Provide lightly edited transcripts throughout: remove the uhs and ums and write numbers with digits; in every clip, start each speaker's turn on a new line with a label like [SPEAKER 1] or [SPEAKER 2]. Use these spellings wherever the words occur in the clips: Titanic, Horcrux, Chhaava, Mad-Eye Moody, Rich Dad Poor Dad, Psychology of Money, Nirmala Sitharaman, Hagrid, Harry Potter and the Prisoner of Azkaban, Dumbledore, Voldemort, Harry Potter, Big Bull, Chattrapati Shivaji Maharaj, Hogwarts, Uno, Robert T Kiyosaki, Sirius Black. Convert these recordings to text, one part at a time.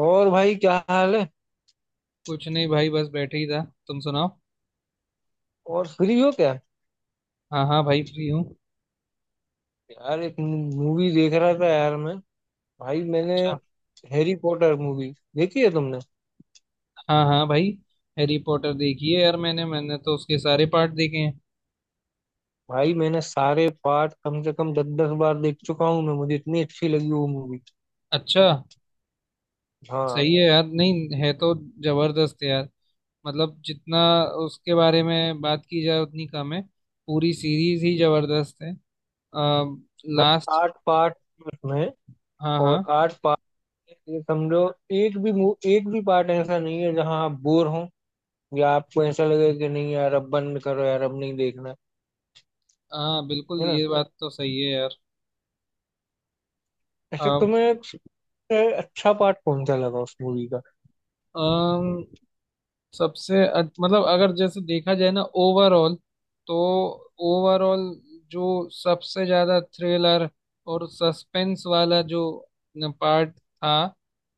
[SPEAKER 1] और भाई क्या हाल है।
[SPEAKER 2] कुछ नहीं भाई, बस बैठे ही था। तुम सुनाओ।
[SPEAKER 1] और फ्री हो क्या।
[SPEAKER 2] हाँ हाँ भाई, फ्री हूँ।
[SPEAKER 1] यार एक मूवी देख रहा था यार मैं भाई मैंने
[SPEAKER 2] अच्छा।
[SPEAKER 1] हैरी पॉटर मूवी देखी है तुमने।
[SPEAKER 2] हाँ हाँ भाई, हैरी पॉटर देखी है यार मैंने मैंने तो उसके सारे पार्ट देखे हैं।
[SPEAKER 1] भाई मैंने सारे पार्ट कम से कम 10-10 बार देख चुका हूँ मैं मुझे इतनी अच्छी लगी वो मूवी।
[SPEAKER 2] अच्छा।
[SPEAKER 1] हाँ।
[SPEAKER 2] सही है यार, नहीं है तो। जबरदस्त है यार। मतलब जितना उसके बारे में बात की जाए उतनी कम है। पूरी सीरीज ही जबरदस्त है। आ,
[SPEAKER 1] मतलब
[SPEAKER 2] लास्ट।
[SPEAKER 1] 8 पार्ट में।
[SPEAKER 2] हाँ
[SPEAKER 1] और
[SPEAKER 2] हाँ।
[SPEAKER 1] 8 पार्ट ये समझो, एक भी पार्ट ऐसा नहीं है जहाँ आप बोर हो या आपको ऐसा लगे कि नहीं यार अब बंद करो यार अब नहीं देखना।
[SPEAKER 2] हाँ बिल्कुल,
[SPEAKER 1] है ना?
[SPEAKER 2] ये बात तो सही है
[SPEAKER 1] ऐसे
[SPEAKER 2] यार।
[SPEAKER 1] तुम्हें सबसे अच्छा पार्ट कौन सा लगा उस मूवी का।
[SPEAKER 2] अम, मतलब अगर जैसे देखा जाए ना, ओवरऑल तो। ओवरऑल जो सबसे ज्यादा थ्रिलर और सस्पेंस वाला जो पार्ट था,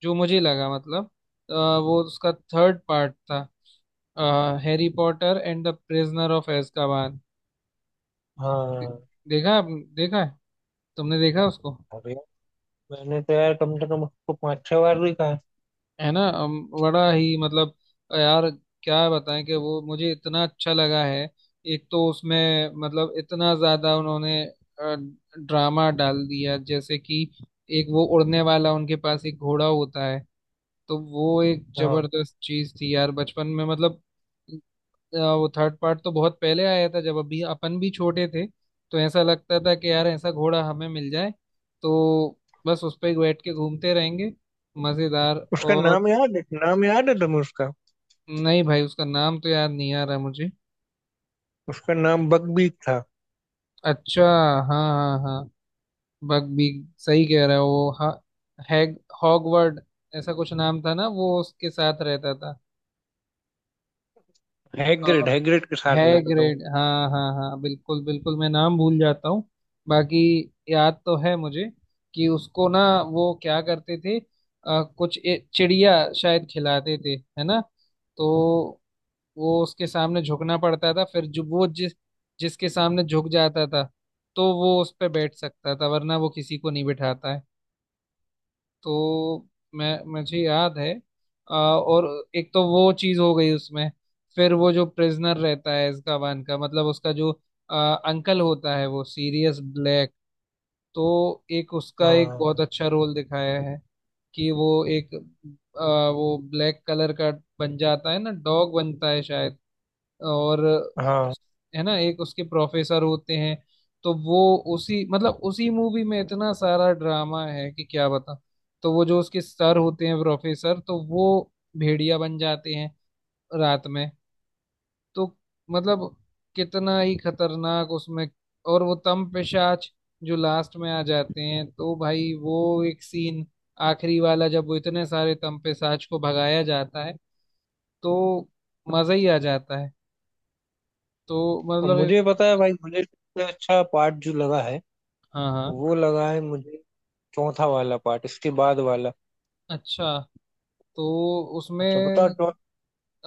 [SPEAKER 2] जो मुझे लगा, मतलब वो उसका थर्ड पार्ट था। Harry Potter and the prisoner of एazkaban।
[SPEAKER 1] हाँ।
[SPEAKER 2] देखा है तुमने, देखा उसको?
[SPEAKER 1] अरे मैंने तो यार कम से कम उसको 5-6 बार भी कहा।
[SPEAKER 2] है ना। बड़ा ही, मतलब यार क्या बताएं कि वो मुझे इतना अच्छा लगा है। एक तो उसमें, मतलब इतना ज्यादा उन्होंने ड्रामा डाल दिया, जैसे कि एक वो उड़ने वाला उनके पास एक घोड़ा होता है, तो वो एक
[SPEAKER 1] हाँ।
[SPEAKER 2] जबरदस्त चीज थी यार बचपन में। मतलब वो थर्ड पार्ट तो बहुत पहले आया था, जब अभी अपन भी छोटे थे। तो ऐसा लगता था कि यार ऐसा घोड़ा हमें मिल जाए, तो बस उस पे बैठ के घूमते रहेंगे। मजेदार।
[SPEAKER 1] उसका
[SPEAKER 2] और
[SPEAKER 1] नाम याद है, नाम याद है तुम्हें उसका?
[SPEAKER 2] नहीं भाई, उसका नाम तो याद नहीं आ रहा मुझे।
[SPEAKER 1] उसका नाम बकबीक था।
[SPEAKER 2] अच्छा। हाँ हाँ हाँ। बग भी सही कह रहा है वो। हैग हॉगवर्ड, ऐसा कुछ नाम था ना, वो उसके साथ रहता था। और
[SPEAKER 1] हैग्रिड, हैग्रिड के साथ रहता था वो।
[SPEAKER 2] हैग्रिड, हाँ हाँ हाँ, बिल्कुल बिल्कुल, मैं नाम भूल जाता हूँ, बाकी याद तो है मुझे। कि उसको ना, वो क्या करते थे, कुछ चिड़िया शायद खिलाते थे, है ना। तो वो उसके सामने झुकना पड़ता था, फिर जो वो जिसके सामने झुक जाता था, तो वो उस पे बैठ सकता था, वरना वो किसी को नहीं बिठाता है। तो मैं मुझे याद है। और एक तो वो चीज हो गई उसमें। फिर वो जो प्रिजनर रहता है अजकाबान का, मतलब उसका जो अंकल होता है, वो सीरियस ब्लैक, तो एक उसका एक
[SPEAKER 1] हाँ
[SPEAKER 2] बहुत अच्छा रोल दिखाया है कि वो एक अ, वो ब्लैक कलर का बन जाता है ना, डॉग बनता है शायद। और
[SPEAKER 1] हाँ।
[SPEAKER 2] उस- है ना, एक उसके प्रोफेसर होते हैं, तो वो उसी, मतलब उसी मूवी में इतना सारा ड्रामा है कि क्या बता। तो वो जो उसके सर होते हैं प्रोफेसर, तो वो भेड़िया बन जाते हैं रात में। तो मतलब कितना ही खतरनाक उसमें। और वो तम पिशाच जो लास्ट में आ जाते हैं, तो भाई वो एक सीन, आखिरी वाला, जब वो इतने सारे तम पिशाच को भगाया जाता है, तो मजा ही आ जाता है। तो
[SPEAKER 1] और
[SPEAKER 2] मतलब
[SPEAKER 1] मुझे पता है भाई, मुझे सबसे अच्छा पार्ट जो लगा है
[SPEAKER 2] हाँ हाँ।
[SPEAKER 1] वो लगा है मुझे चौथा वाला पार्ट, इसके बाद वाला।
[SPEAKER 2] अच्छा, तो
[SPEAKER 1] अच्छा बताओ
[SPEAKER 2] उसमें।
[SPEAKER 1] तो।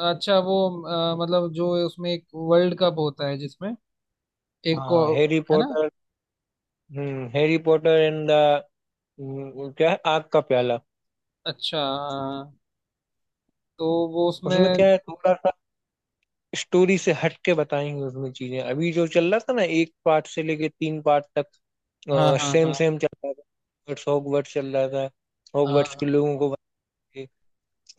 [SPEAKER 2] अच्छा वो मतलब जो उसमें एक वर्ल्ड कप होता है जिसमें एक को,
[SPEAKER 1] हाँ, हैरी
[SPEAKER 2] है ना।
[SPEAKER 1] पॉटर। हम्म, हैरी पॉटर एंड द क्या है, आग का प्याला।
[SPEAKER 2] अच्छा हाँ, तो वो
[SPEAKER 1] उसमें
[SPEAKER 2] उसमें।
[SPEAKER 1] क्या है, थोड़ा सा स्टोरी से हट के बताएंगे उसमें चीजें। अभी जो चल रहा था ना एक पार्ट से लेके 3 पार्ट
[SPEAKER 2] हाँ
[SPEAKER 1] तक,
[SPEAKER 2] हाँ
[SPEAKER 1] सेम
[SPEAKER 2] हाँ।
[SPEAKER 1] सेम चल रहा था, हॉगवर्ट्स हॉगवर्ट्स चल रहा था, हॉगवर्ट्स के
[SPEAKER 2] हाँ
[SPEAKER 1] लोगों को बताइए।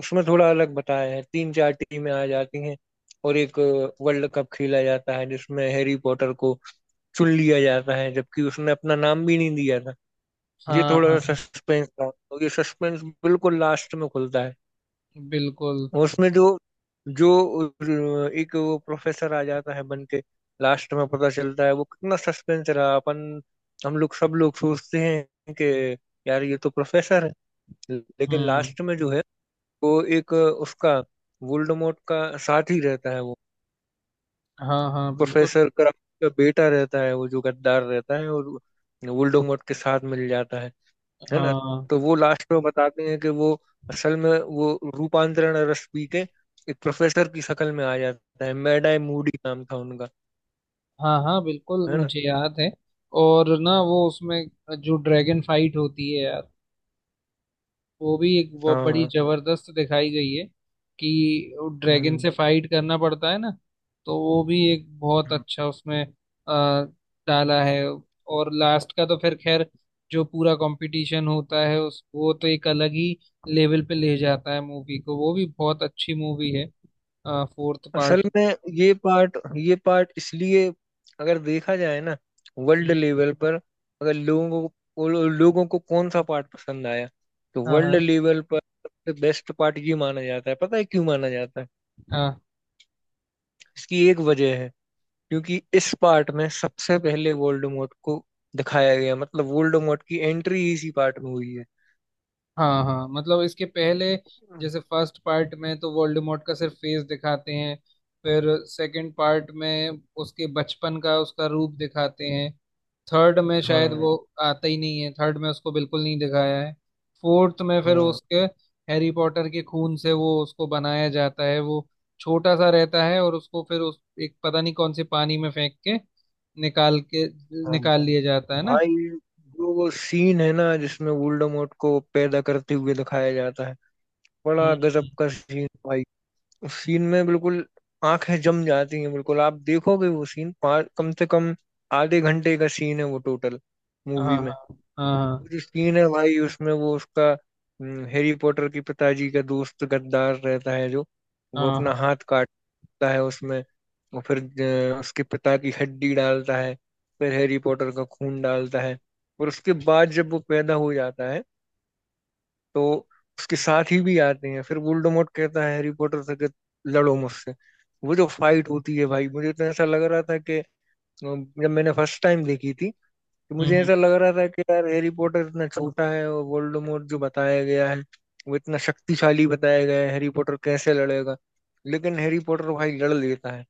[SPEAKER 1] उसमें थोड़ा अलग बताया है, 3-4 टीमें आ जाती हैं और एक वर्ल्ड कप खेला जाता है जिसमें हैरी पॉटर को चुन लिया जाता है जबकि उसने अपना नाम भी नहीं दिया था। ये
[SPEAKER 2] हाँ
[SPEAKER 1] थोड़ा सा
[SPEAKER 2] हाँ
[SPEAKER 1] सस्पेंस था और ये सस्पेंस बिल्कुल लास्ट में खुलता है।
[SPEAKER 2] बिल्कुल।
[SPEAKER 1] उसमें जो जो एक वो प्रोफेसर आ जाता है बन के, लास्ट में पता चलता है वो कितना सस्पेंस रहा। अपन हम लोग, सब लोग सोचते हैं कि यार ये तो प्रोफेसर है, लेकिन
[SPEAKER 2] हम्म।
[SPEAKER 1] लास्ट में जो है वो एक उसका वोल्डेमॉर्ट का साथी रहता है वो।
[SPEAKER 2] हाँ हाँ बिल्कुल।
[SPEAKER 1] प्रोफेसर क्राफ्ट का बेटा रहता है वो, जो गद्दार रहता है और वोल्डेमॉर्ट के साथ मिल जाता है ना।
[SPEAKER 2] हाँ
[SPEAKER 1] तो वो लास्ट में बताते हैं कि वो असल में वो रूपांतरण रस पी के एक प्रोफेसर की शक्ल में आ जाता है, मैडाई मूडी नाम था उनका,
[SPEAKER 2] हाँ हाँ बिल्कुल,
[SPEAKER 1] है ना।
[SPEAKER 2] मुझे याद है। और ना वो उसमें जो ड्रैगन फाइट होती है यार, वो भी एक वो बड़ी
[SPEAKER 1] हाँ।
[SPEAKER 2] जबरदस्त दिखाई गई है कि ड्रैगन
[SPEAKER 1] हम्म
[SPEAKER 2] से फाइट करना पड़ता है ना। तो वो भी एक बहुत
[SPEAKER 1] हम्म।
[SPEAKER 2] अच्छा उसमें डाला है। और लास्ट का तो फिर खैर, जो पूरा कंपटीशन होता है उस, वो तो एक अलग ही लेवल पे ले जाता है मूवी को। वो भी बहुत अच्छी मूवी है, फोर्थ
[SPEAKER 1] असल
[SPEAKER 2] पार्ट।
[SPEAKER 1] में ये पार्ट इसलिए, अगर देखा जाए ना, वर्ल्ड लेवल पर, अगर लोगों को कौन सा पार्ट पसंद आया, तो
[SPEAKER 2] हाँ हाँ।
[SPEAKER 1] वर्ल्ड लेवल पर सबसे बेस्ट पार्ट ये माना जाता है। पता है क्यों माना जाता है?
[SPEAKER 2] हाँ
[SPEAKER 1] इसकी एक वजह है, क्योंकि इस पार्ट में सबसे पहले वोल्डेमॉर्ट को दिखाया गया, मतलब वोल्डेमॉर्ट की एंट्री इसी पार्ट में हुई है।
[SPEAKER 2] हाँ हाँ, मतलब इसके पहले जैसे फर्स्ट पार्ट में तो वोल्डेमॉर्ट का सिर्फ फेस दिखाते हैं, फिर सेकंड पार्ट में उसके बचपन का उसका रूप दिखाते हैं, थर्ड में शायद
[SPEAKER 1] हाँ
[SPEAKER 2] वो आता ही नहीं है, थर्ड में उसको बिल्कुल नहीं दिखाया है। फोर्थ में फिर
[SPEAKER 1] हाँ
[SPEAKER 2] उसके हैरी पॉटर के खून से वो उसको बनाया जाता है, वो छोटा सा रहता है और उसको फिर उस एक, पता नहीं कौन से पानी में फेंक के
[SPEAKER 1] हाँ।
[SPEAKER 2] निकाल लिया जाता है ना।
[SPEAKER 1] भाई जो वो सीन है ना जिसमें वोल्डेमॉर्ट को पैदा करते हुए दिखाया जाता है,
[SPEAKER 2] हम्म।
[SPEAKER 1] बड़ा गजब का सीन भाई। उस सीन में बिल्कुल आंखें जम जाती हैं बिल्कुल, आप देखोगे वो सीन पाँच कम से कम आधे घंटे का सीन है वो, टोटल
[SPEAKER 2] हाँ
[SPEAKER 1] मूवी में।
[SPEAKER 2] हाँ हाँ।
[SPEAKER 1] कुछ सीन है भाई उसमें वो उसका, हैरी पॉटर की पिताजी का दोस्त गद्दार रहता है जो,
[SPEAKER 2] हाँ
[SPEAKER 1] वो
[SPEAKER 2] हाँ
[SPEAKER 1] अपना
[SPEAKER 2] हाँ।
[SPEAKER 1] हाथ काटता है उसमें और फिर उसके पिता की हड्डी डालता है, फिर हैरी पॉटर का खून डालता है और उसके बाद जब वो पैदा हो जाता है तो उसके साथ ही भी आते हैं। फिर वोल्डेमॉर्ट कहता है हैरी पॉटर से कि लड़ो मुझसे। वो जो फाइट होती है भाई, मुझे तो ऐसा लग रहा था कि जब मैंने फर्स्ट टाइम देखी थी, कि
[SPEAKER 2] हम्म
[SPEAKER 1] मुझे
[SPEAKER 2] हम्म।
[SPEAKER 1] ऐसा लग रहा था कि यार हैरी पॉटर इतना छोटा है और वोल्डेमॉर्ट जो बताया गया है वो इतना शक्तिशाली बताया गया है, हैरी पॉटर कैसे लड़ेगा। लेकिन हैरी पॉटर भाई लड़ लेता है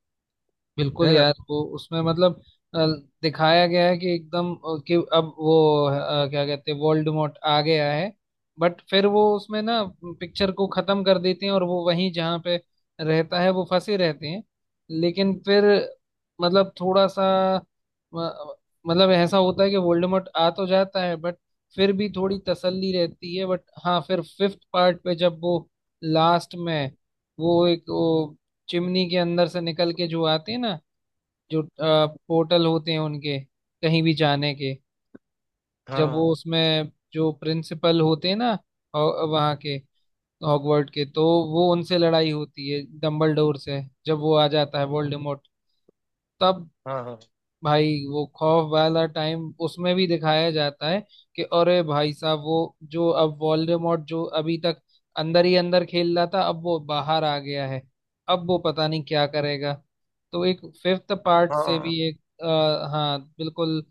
[SPEAKER 2] बिल्कुल
[SPEAKER 1] है ना।
[SPEAKER 2] यार, वो उसमें मतलब अ, दिखाया गया है कि एकदम कि अब वो क्या कहते हैं, वोल्डेमॉर्ट आ गया है। बट फिर वो उसमें ना पिक्चर को खत्म कर देते हैं, और वो वहीं जहाँ पे रहता है वो फंसे रहते हैं। लेकिन फिर मतलब थोड़ा सा अ, मतलब ऐसा होता है कि वोल्डेमॉर्ट आ तो जाता है, बट फिर भी थोड़ी तसल्ली रहती है। बट हाँ फिर फिफ्थ पार्ट पे जब वो लास्ट में, वो एक वो चिमनी के अंदर से निकल के जो आते हैं ना, जो पोर्टल होते हैं उनके कहीं भी जाने के, जब वो
[SPEAKER 1] हाँ
[SPEAKER 2] उसमें जो प्रिंसिपल होते हैं ना, वहाँ के हॉगवर्ड के, तो वो उनसे लड़ाई होती है डम्बलडोर से, जब वो आ जाता है वोल्डेमॉर्ट, तब
[SPEAKER 1] हाँ हाँ
[SPEAKER 2] भाई वो खौफ वाला टाइम उसमें भी दिखाया जाता है कि अरे भाई साहब, वो जो अब वोल्डेमॉर्ट जो अभी तक अंदर ही अंदर खेल रहा था, अब वो बाहर आ गया है, अब वो पता नहीं क्या करेगा। तो एक फिफ्थ पार्ट से
[SPEAKER 1] हाँ।
[SPEAKER 2] भी एक हाँ बिल्कुल,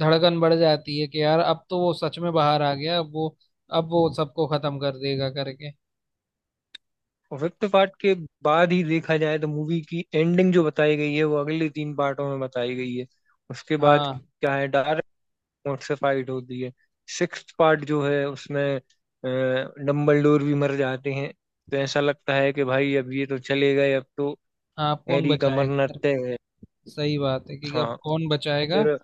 [SPEAKER 2] धड़कन बढ़ जाती है कि यार अब तो वो सच में बाहर आ गया, अब वो सबको खत्म कर देगा करके।
[SPEAKER 1] और फिफ्थ पार्ट के बाद ही देखा जाए तो मूवी की एंडिंग जो बताई गई है वो अगले 3 पार्टों में बताई गई है उसके बाद।
[SPEAKER 2] हाँ
[SPEAKER 1] क्या है, डार्क मोड से फाइट होती है। सिक्स्थ पार्ट जो है उसमें डम्बलडोर भी मर जाते हैं, तो ऐसा लगता है कि भाई अब ये तो चले गए, अब तो
[SPEAKER 2] हाँ, अब कौन
[SPEAKER 1] हैरी
[SPEAKER 2] बचाएगा,
[SPEAKER 1] गमरनते है।
[SPEAKER 2] सही बात है कि अब
[SPEAKER 1] हाँ।
[SPEAKER 2] कौन बचाएगा।
[SPEAKER 1] फिर।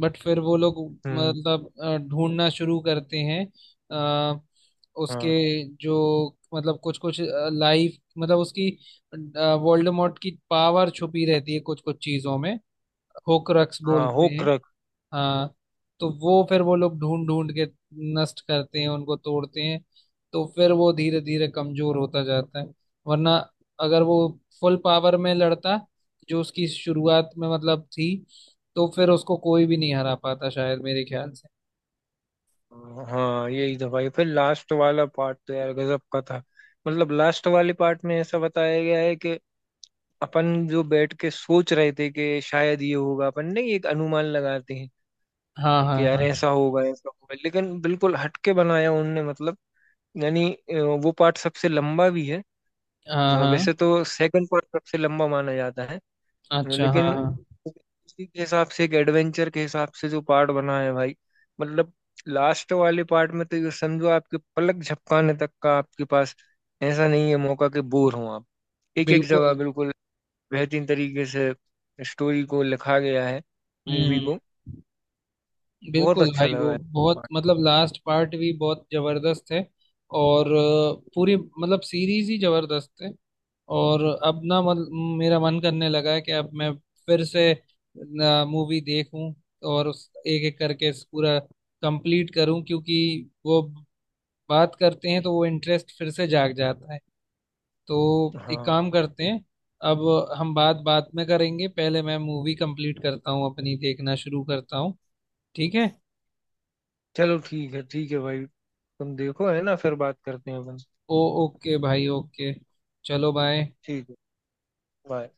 [SPEAKER 2] बट फिर वो लोग
[SPEAKER 1] हम्म।
[SPEAKER 2] मतलब ढूंढना शुरू करते हैं आ, उसके
[SPEAKER 1] हाँ
[SPEAKER 2] जो, मतलब कुछ कुछ लाइफ, मतलब उसकी वोल्डेमॉर्ट की पावर छुपी रहती है कुछ कुछ चीजों में, होक्रक्स
[SPEAKER 1] हाँ।
[SPEAKER 2] बोलते हैं।
[SPEAKER 1] होक्रक।
[SPEAKER 2] हाँ। तो वो, फिर वो लोग ढूंढ ढूंढ के नष्ट करते हैं, उनको तोड़ते हैं, तो फिर वो धीरे धीरे कमजोर होता जाता है। वरना अगर वो फुल पावर में लड़ता जो उसकी शुरुआत में मतलब थी, तो फिर उसको कोई भी नहीं हरा पाता शायद, मेरे ख्याल से।
[SPEAKER 1] हाँ यही था भाई, फिर लास्ट वाला पार्ट तो यार गजब का था। मतलब लास्ट वाले पार्ट में ऐसा बताया गया है कि अपन जो बैठ के सोच रहे थे कि शायद ये होगा, अपन नहीं एक अनुमान लगाते हैं
[SPEAKER 2] हाँ
[SPEAKER 1] कि
[SPEAKER 2] हाँ।
[SPEAKER 1] यार
[SPEAKER 2] हाँ
[SPEAKER 1] ऐसा होगा ऐसा होगा, लेकिन बिल्कुल हटके बनाया उनने। मतलब यानी, वो पार्ट सबसे लंबा भी है।
[SPEAKER 2] हाँ हाँ।
[SPEAKER 1] वैसे तो सेकंड पार्ट सबसे लंबा माना जाता है,
[SPEAKER 2] अच्छा हाँ
[SPEAKER 1] लेकिन
[SPEAKER 2] हाँ
[SPEAKER 1] उसी के हिसाब से, एक एडवेंचर के हिसाब से जो पार्ट बना है भाई, मतलब लास्ट वाले पार्ट में तो ये समझो आपके पलक झपकाने तक का आपके पास ऐसा नहीं है मौका कि बोर हो आप। एक एक जगह
[SPEAKER 2] बिल्कुल।
[SPEAKER 1] बिल्कुल बेहतरीन तरीके से स्टोरी को लिखा गया है,
[SPEAKER 2] हम्म
[SPEAKER 1] मूवी
[SPEAKER 2] हम्म।
[SPEAKER 1] को। बहुत
[SPEAKER 2] बिल्कुल
[SPEAKER 1] अच्छा
[SPEAKER 2] भाई,
[SPEAKER 1] लगा
[SPEAKER 2] वो
[SPEAKER 1] है
[SPEAKER 2] बहुत,
[SPEAKER 1] part।
[SPEAKER 2] मतलब लास्ट पार्ट भी बहुत जबरदस्त है। और पूरी मतलब सीरीज ही जबरदस्त है। और अब ना मत, मेरा मन करने लगा है कि अब मैं फिर से मूवी देखूं, और उस एक एक करके इस पूरा कंप्लीट करूं। क्योंकि वो बात करते हैं तो वो इंटरेस्ट फिर से जाग जाता है। तो एक
[SPEAKER 1] हाँ।
[SPEAKER 2] काम करते हैं अब, हम बात बात में करेंगे, पहले मैं मूवी कंप्लीट करता हूं अपनी, देखना शुरू करता हूं। ठीक है।
[SPEAKER 1] चलो ठीक है, ठीक है भाई। तुम देखो, है ना, फिर बात करते हैं अपन।
[SPEAKER 2] ओ, ओके भाई, ओके। चलो बाय।
[SPEAKER 1] ठीक है। bye।